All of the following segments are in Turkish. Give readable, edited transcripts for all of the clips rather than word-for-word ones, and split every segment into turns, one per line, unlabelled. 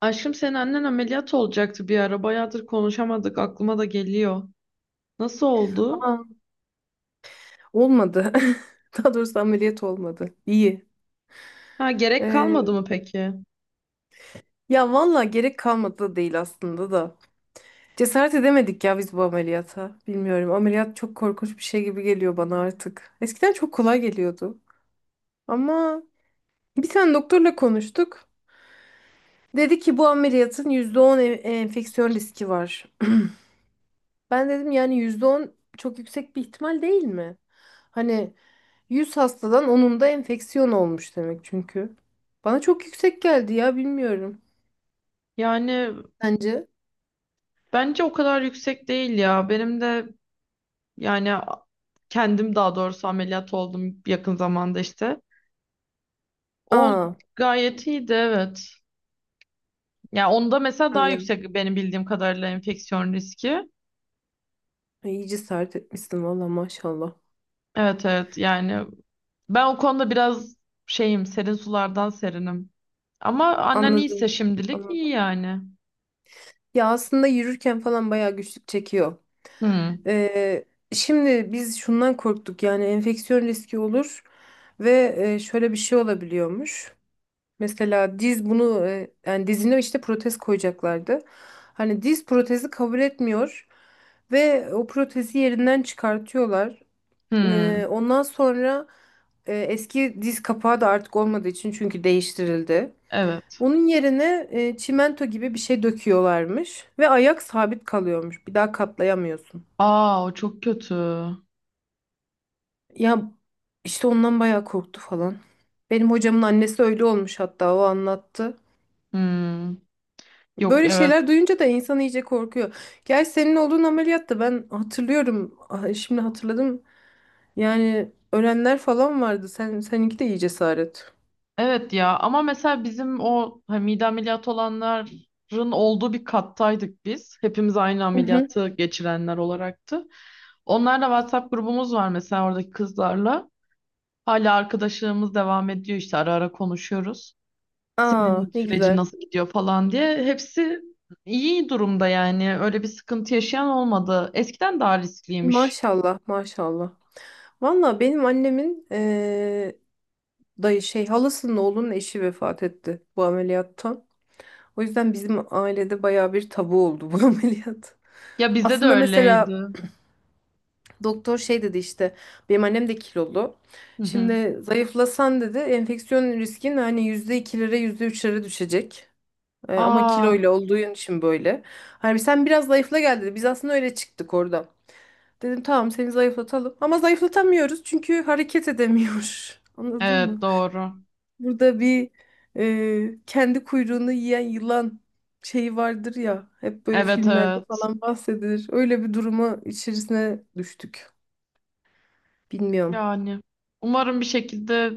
Aşkım senin annen ameliyat olacaktı bir ara. Bayağıdır konuşamadık. Aklıma da geliyor. Nasıl oldu?
Aa, olmadı. Daha doğrusu ameliyat olmadı. İyi.
Ha gerek
Ee,
kalmadı mı peki?
ya valla gerek kalmadı da değil aslında da. Cesaret edemedik ya biz bu ameliyata. Bilmiyorum. Ameliyat çok korkunç bir şey gibi geliyor bana artık. Eskiden çok kolay geliyordu. Ama bir tane doktorla konuştuk. Dedi ki bu ameliyatın %10 enfeksiyon riski var. Ben dedim yani %10 çok yüksek bir ihtimal değil mi? Hani 100 hastadan onunda enfeksiyon olmuş demek çünkü. Bana çok yüksek geldi ya bilmiyorum.
Yani
Bence.
bence o kadar yüksek değil ya. Benim de yani a- kendim daha doğrusu ameliyat oldum yakın zamanda işte. O
Aa,
gayet iyiydi evet. Ya onda mesela daha
hadi ya.
yüksek benim bildiğim kadarıyla enfeksiyon riski.
Ay, İyi cesaret etmişsin valla maşallah.
Evet evet yani ben o konuda biraz şeyim serin sulardan serinim. Ama annen iyiyse
Anladım.
şimdilik iyi
Anladım.
yani.
Ya aslında yürürken falan bayağı güçlük çekiyor.
Hmm,
Ee, şimdi biz şundan korktuk yani enfeksiyon riski olur ve şöyle bir şey olabiliyormuş. Mesela diz bunu yani dizine işte protez koyacaklardı. Hani diz protezi kabul etmiyor ve o protezi yerinden çıkartıyorlar. E,
hmm,
ondan sonra eski diz kapağı da artık olmadığı için çünkü değiştirildi.
evet.
Onun yerine çimento gibi bir şey döküyorlarmış ve ayak sabit kalıyormuş. Bir daha katlayamıyorsun.
Aa o çok kötü.
Ya işte ondan bayağı korktu falan. Benim hocamın annesi öyle olmuş hatta o anlattı.
Hmm, yok
Böyle şeyler
evet.
duyunca da insan iyice korkuyor. Gerçi senin olduğun ameliyatta ben hatırlıyorum. Ah, şimdi hatırladım. Yani ölenler falan vardı. Sen seninki de iyi cesaret.
Evet ya ama mesela bizim o hani mide ameliyatı olanların olduğu bir kattaydık biz. Hepimiz aynı
Hı hı.
ameliyatı geçirenler olaraktı. Onlarla WhatsApp grubumuz var mesela oradaki kızlarla. Hala arkadaşlığımız devam ediyor işte ara ara konuşuyoruz.
Aa,
Senin
ne
sürecin
güzel.
nasıl gidiyor falan diye. Hepsi iyi durumda yani. Öyle bir sıkıntı yaşayan olmadı. Eskiden daha riskliymiş.
Maşallah maşallah. Valla benim annemin dayı şey halasının oğlunun eşi vefat etti bu ameliyattan. O yüzden bizim ailede baya bir tabu oldu bu ameliyat.
Ya bizde de
Aslında mesela
öyleydi.
doktor şey dedi işte benim annem de kilolu.
Hı hı.
Şimdi zayıflasan dedi enfeksiyon riskin hani %2'lere %3'lere düşecek. Ama
Aa,
kiloyla olduğu için böyle. Hani sen biraz zayıfla gel dedi. Biz aslında öyle çıktık orada. Dedim tamam seni zayıflatalım. Ama zayıflatamıyoruz çünkü hareket edemiyor. Anladın
evet
mı?
doğru.
Burada bir kendi kuyruğunu yiyen yılan şeyi vardır ya. Hep böyle
Evet
filmlerde
evet.
falan bahsedilir. Öyle bir duruma içerisine düştük. Bilmiyorum.
Yani umarım bir şekilde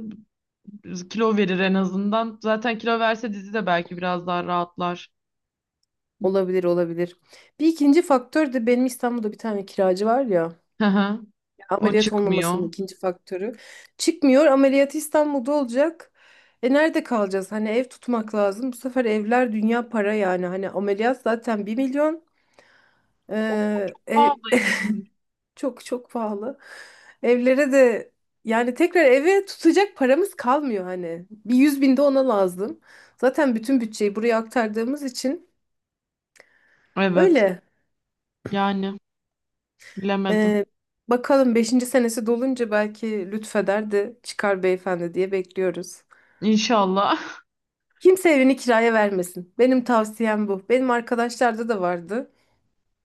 kilo verir en azından. Zaten kilo verse dizi de belki biraz daha rahatlar.
Olabilir olabilir. Bir ikinci faktör de benim İstanbul'da bir tane kiracı var ya
Hı hı. O
ameliyat
çıkmıyor.
olmamasının ikinci faktörü. Çıkmıyor ameliyatı İstanbul'da olacak. E nerede kalacağız? Hani ev tutmak lazım. Bu sefer evler dünya para yani. Hani ameliyat zaten 1 milyon.
O
Ev,
pahalıyım var.
çok çok pahalı. Evlere de yani tekrar eve tutacak paramız kalmıyor hani. Bir 100 bin de ona lazım. Zaten bütün bütçeyi buraya aktardığımız için
Evet.
öyle.
Yani bilemedim.
Ee, bakalım beşinci senesi dolunca belki lütfeder de çıkar beyefendi diye bekliyoruz.
İnşallah.
Kimse evini kiraya vermesin. Benim tavsiyem bu. Benim arkadaşlarda da vardı.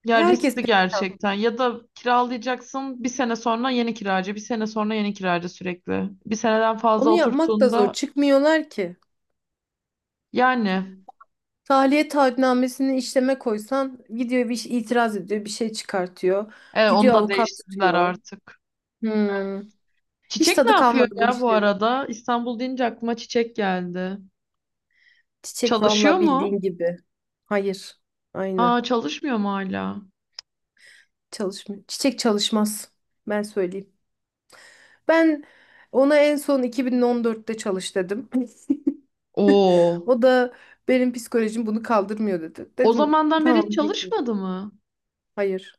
Ya
Herkes
riskli
perişan.
gerçekten. Ya da kiralayacaksın bir sene sonra yeni kiracı, bir sene sonra yeni kiracı sürekli. Bir seneden fazla
Onu yapmak da zor.
oturttuğunda
Çıkmıyorlar ki.
yani
Tahliye taahhütnamesini işleme koysan gidiyor bir şey itiraz ediyor, bir şey çıkartıyor.
evet, onu
Gidiyor
da
avukat
değiştirdiler
tutuyor.
artık.
Hmm. Hiç
Çiçek ne
tadı
yapıyor
kalmadı bu
ya bu
işlerin.
arada? İstanbul deyince aklıma Çiçek geldi.
Çiçek
Çalışıyor
vallahi
mu?
bildiğin gibi. Hayır.
Aa
Aynı.
çalışmıyor mu hala?
Çalışmıyor. Çiçek çalışmaz. Ben söyleyeyim. Ben ona en son 2014'te çalış dedim.
Oo.
O da benim psikolojim bunu kaldırmıyor dedi.
O
Dedim
zamandan beri hiç
tamam peki.
çalışmadı mı?
Hayır.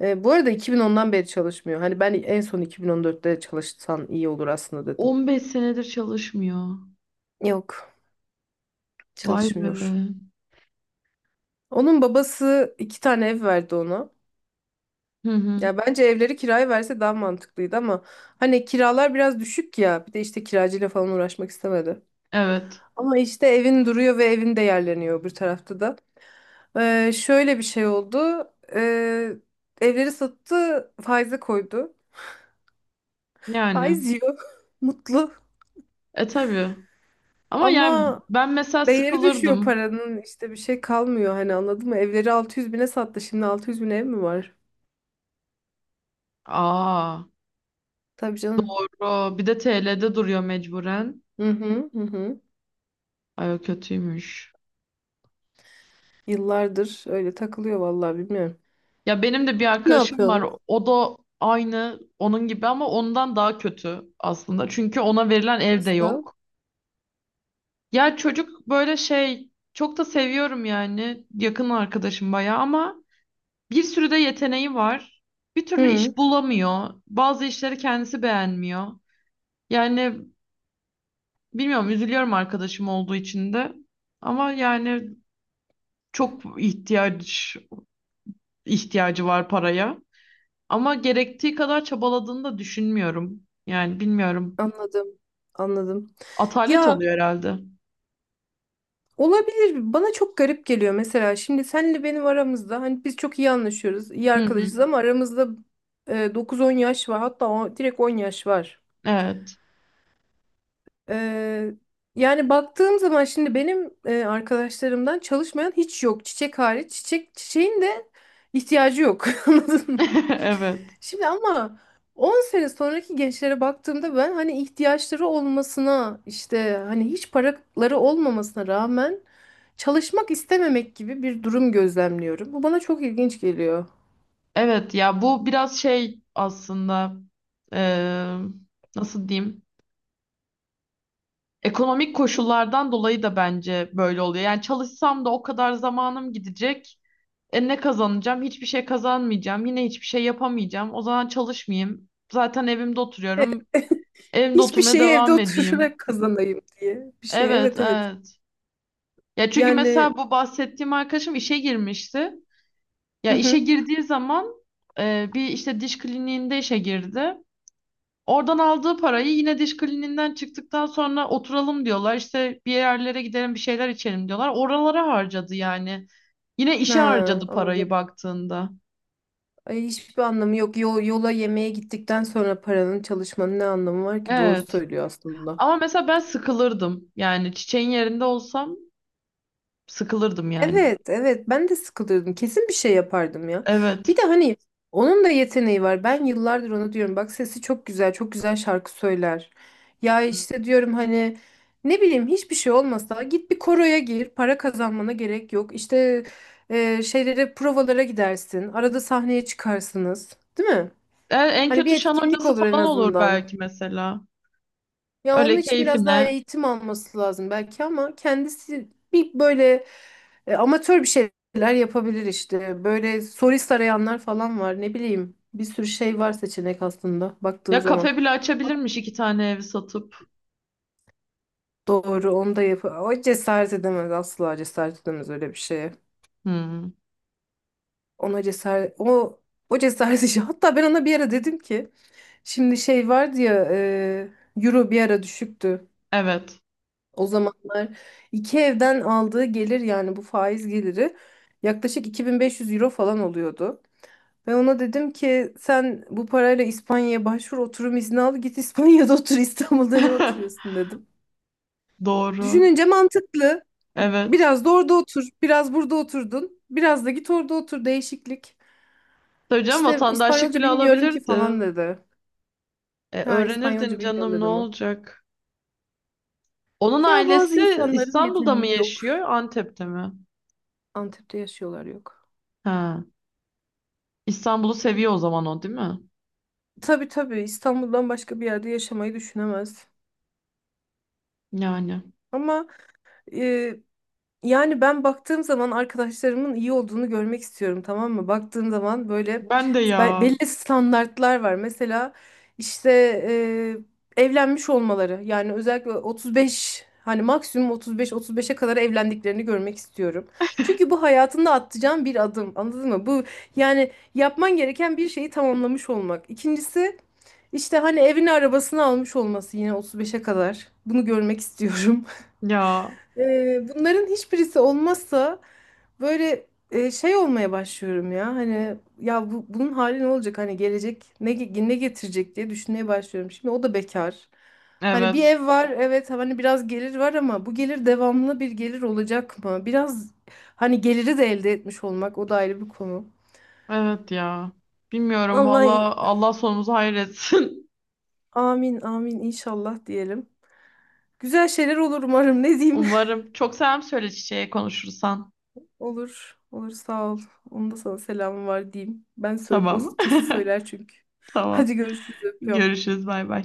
Bu arada 2010'dan beri çalışmıyor. Hani ben en son 2014'te çalışsan iyi olur aslında dedim.
15 senedir çalışmıyor.
Yok,
Vay be.
çalışmıyor. Onun babası iki tane ev verdi ona.
Hı hı.
Ya bence evleri kiraya verse daha mantıklıydı ama hani kiralar biraz düşük ya. Bir de işte kiracıyla falan uğraşmak istemedi.
Evet.
Ama işte evin duruyor ve evin de yerleniyor bir tarafta da. Şöyle bir şey oldu. Ee, evleri sattı, faize koydu.
Yani.
Faiz yiyor, mutlu.
E tabii. Ama yani
Ama
ben mesela
değeri düşüyor
sıkılırdım.
paranın. İşte bir şey kalmıyor hani anladın mı? Evleri 600 bine sattı. Şimdi 600 bin ev mi var?
Aa.
Tabii canım.
Bro, bir de TL'de duruyor mecburen.
Hı hı hı, hı.
Ay o kötüymüş.
Yıllardır öyle takılıyor vallahi bilmiyorum.
Ya benim de bir
Ne
arkadaşım var.
yapıyorsunuz?
O da aynı onun gibi ama ondan daha kötü aslında. Çünkü ona verilen ev de
Nasıl?
yok. Ya çocuk böyle şey çok da seviyorum yani. Yakın arkadaşım bayağı ama bir sürü de yeteneği var. Bir türlü
Hı,
iş bulamıyor. Bazı işleri kendisi beğenmiyor. Yani bilmiyorum üzülüyorum arkadaşım olduğu için de. Ama yani çok ihtiyacı var paraya. Ama gerektiği kadar çabaladığını da düşünmüyorum. Yani bilmiyorum.
anladım. Anladım.
Atalet
Ya
oluyor herhalde.
olabilir. Bana çok garip geliyor mesela. Şimdi senle benim aramızda hani biz çok iyi anlaşıyoruz, iyi
Hı hı.
arkadaşız ama aramızda 9-10 yaş var. Hatta o, direkt 10 yaş var.
Evet.
Ee, yani baktığım zaman şimdi benim arkadaşlarımdan çalışmayan hiç yok. Çiçek hariç. Çiçeğin de ihtiyacı yok. Anladın mı?
Evet.
Şimdi ama 10 sene sonraki gençlere baktığımda ben hani ihtiyaçları olmasına işte hani hiç paraları olmamasına rağmen çalışmak istememek gibi bir durum gözlemliyorum. Bu bana çok ilginç geliyor.
Evet ya bu biraz şey aslında eee, nasıl diyeyim? Ekonomik koşullardan dolayı da bence böyle oluyor. Yani çalışsam da o kadar zamanım gidecek. E ne kazanacağım? Hiçbir şey kazanmayacağım. Yine hiçbir şey yapamayacağım. O zaman çalışmayayım. Zaten evimde oturuyorum. Evimde
Hiçbir
oturmaya
şeyi evde
devam edeyim.
oturarak kazanayım diye bir şey.
Evet,
Evet evet.
evet. Ya çünkü
Yani
mesela bu bahsettiğim arkadaşım işe girmişti. Ya
hı
işe
hı.
girdiği zaman bir işte diş kliniğinde işe girdi. Oradan aldığı parayı yine diş kliniğinden çıktıktan sonra oturalım diyorlar. İşte bir yerlere gidelim bir şeyler içelim diyorlar. Oralara harcadı yani. Yine işe
Ha,
harcadı parayı
anladım.
baktığında.
Ay, hiçbir anlamı yok. Yola yemeğe gittikten sonra paranın çalışmanın ne anlamı var ki? Doğru
Evet.
söylüyor aslında.
Ama mesela ben sıkılırdım. Yani çiçeğin yerinde olsam sıkılırdım yani.
Evet, evet. Ben de sıkılırdım. Kesin bir şey yapardım ya.
Evet.
Bir de hani onun da yeteneği var. Ben yıllardır ona diyorum. Bak sesi çok güzel, çok güzel şarkı söyler. Ya işte diyorum hani ne bileyim hiçbir şey olmasa git bir koroya gir. Para kazanmana gerek yok. İşte şeylere provalara gidersin. Arada sahneye çıkarsınız, değil mi?
E, en
Hani bir
kötü şan
etkinlik
hocası
olur en
falan olur
azından.
belki mesela.
Ya onun
Öyle
için biraz daha
keyfine.
eğitim alması lazım belki ama kendisi bir böyle amatör bir şeyler yapabilir işte. Böyle solist arayanlar falan var ne bileyim. Bir sürü şey var seçenek aslında baktığın
Ya
zaman.
kafe bile açabilirmiş iki tane evi satıp.
Doğru onu da yap. O cesaret edemez asla cesaret edemez öyle bir şeye.
Hmm,
Ona cesaret o cesaret işi. Hatta ben ona bir ara dedim ki şimdi şey vardı ya euro bir ara düşüktü.
evet.
O zamanlar iki evden aldığı gelir yani bu faiz geliri yaklaşık 2500 euro falan oluyordu. Ve ona dedim ki sen bu parayla İspanya'ya başvur oturum izni al git İspanya'da otur İstanbul'da ne oturuyorsun dedim.
Doğru.
Düşününce mantıklı.
Evet.
Biraz da orada otur, biraz burada oturdun, biraz da git orada otur değişiklik.
Tabii canım
İşte
vatandaşlık
İspanyolca
bile
bilmiyorum ki
alabilirdi.
falan dedi.
E,
Ha
öğrenirdin
İspanyolca bilmiyorum
canım ne
dedim ama.
olacak? Onun
Ya bazı
ailesi
insanların
İstanbul'da mı
yeteneği yok.
yaşıyor, Antep'te mi?
Antep'te yaşıyorlar yok.
Ha. İstanbul'u seviyor o zaman o değil mi?
Tabii tabii İstanbul'dan başka bir yerde yaşamayı düşünemez.
Yani.
Ama e, yani ben baktığım zaman arkadaşlarımın iyi olduğunu görmek istiyorum tamam mı? Baktığım zaman böyle
Ben de ya.
belli standartlar var. Mesela işte evlenmiş olmaları yani özellikle 35 hani maksimum 35-35'e kadar evlendiklerini görmek istiyorum. Çünkü bu hayatında atacağın bir adım anladın mı? Bu yani yapman gereken bir şeyi tamamlamış olmak. İkincisi işte hani evini arabasını almış olması yine 35'e kadar bunu görmek istiyorum.
Ya.
Bunların hiçbirisi olmazsa böyle şey olmaya başlıyorum ya. Hani ya bunun hali ne olacak? Hani gelecek ne getirecek diye düşünmeye başlıyorum. Şimdi o da bekar. Hani bir
Evet.
ev var evet hani biraz gelir var ama bu gelir devamlı bir gelir olacak mı? Biraz hani geliri de elde etmiş olmak o da ayrı bir konu.
Evet ya. Bilmiyorum valla
Vallahi
Allah sonumuzu hayır etsin.
amin amin inşallah diyelim. Güzel şeyler olur umarım ne diyeyim.
Umarım. Çok selam söyle çiçeğe konuşursan.
Olur. Olur sağ ol. Onun da sana selamı var diyeyim. Ben o
Tamam.
kesin söyler çünkü.
Tamam.
Hadi görüşürüz öpüyorum.
Görüşürüz. Bay bay.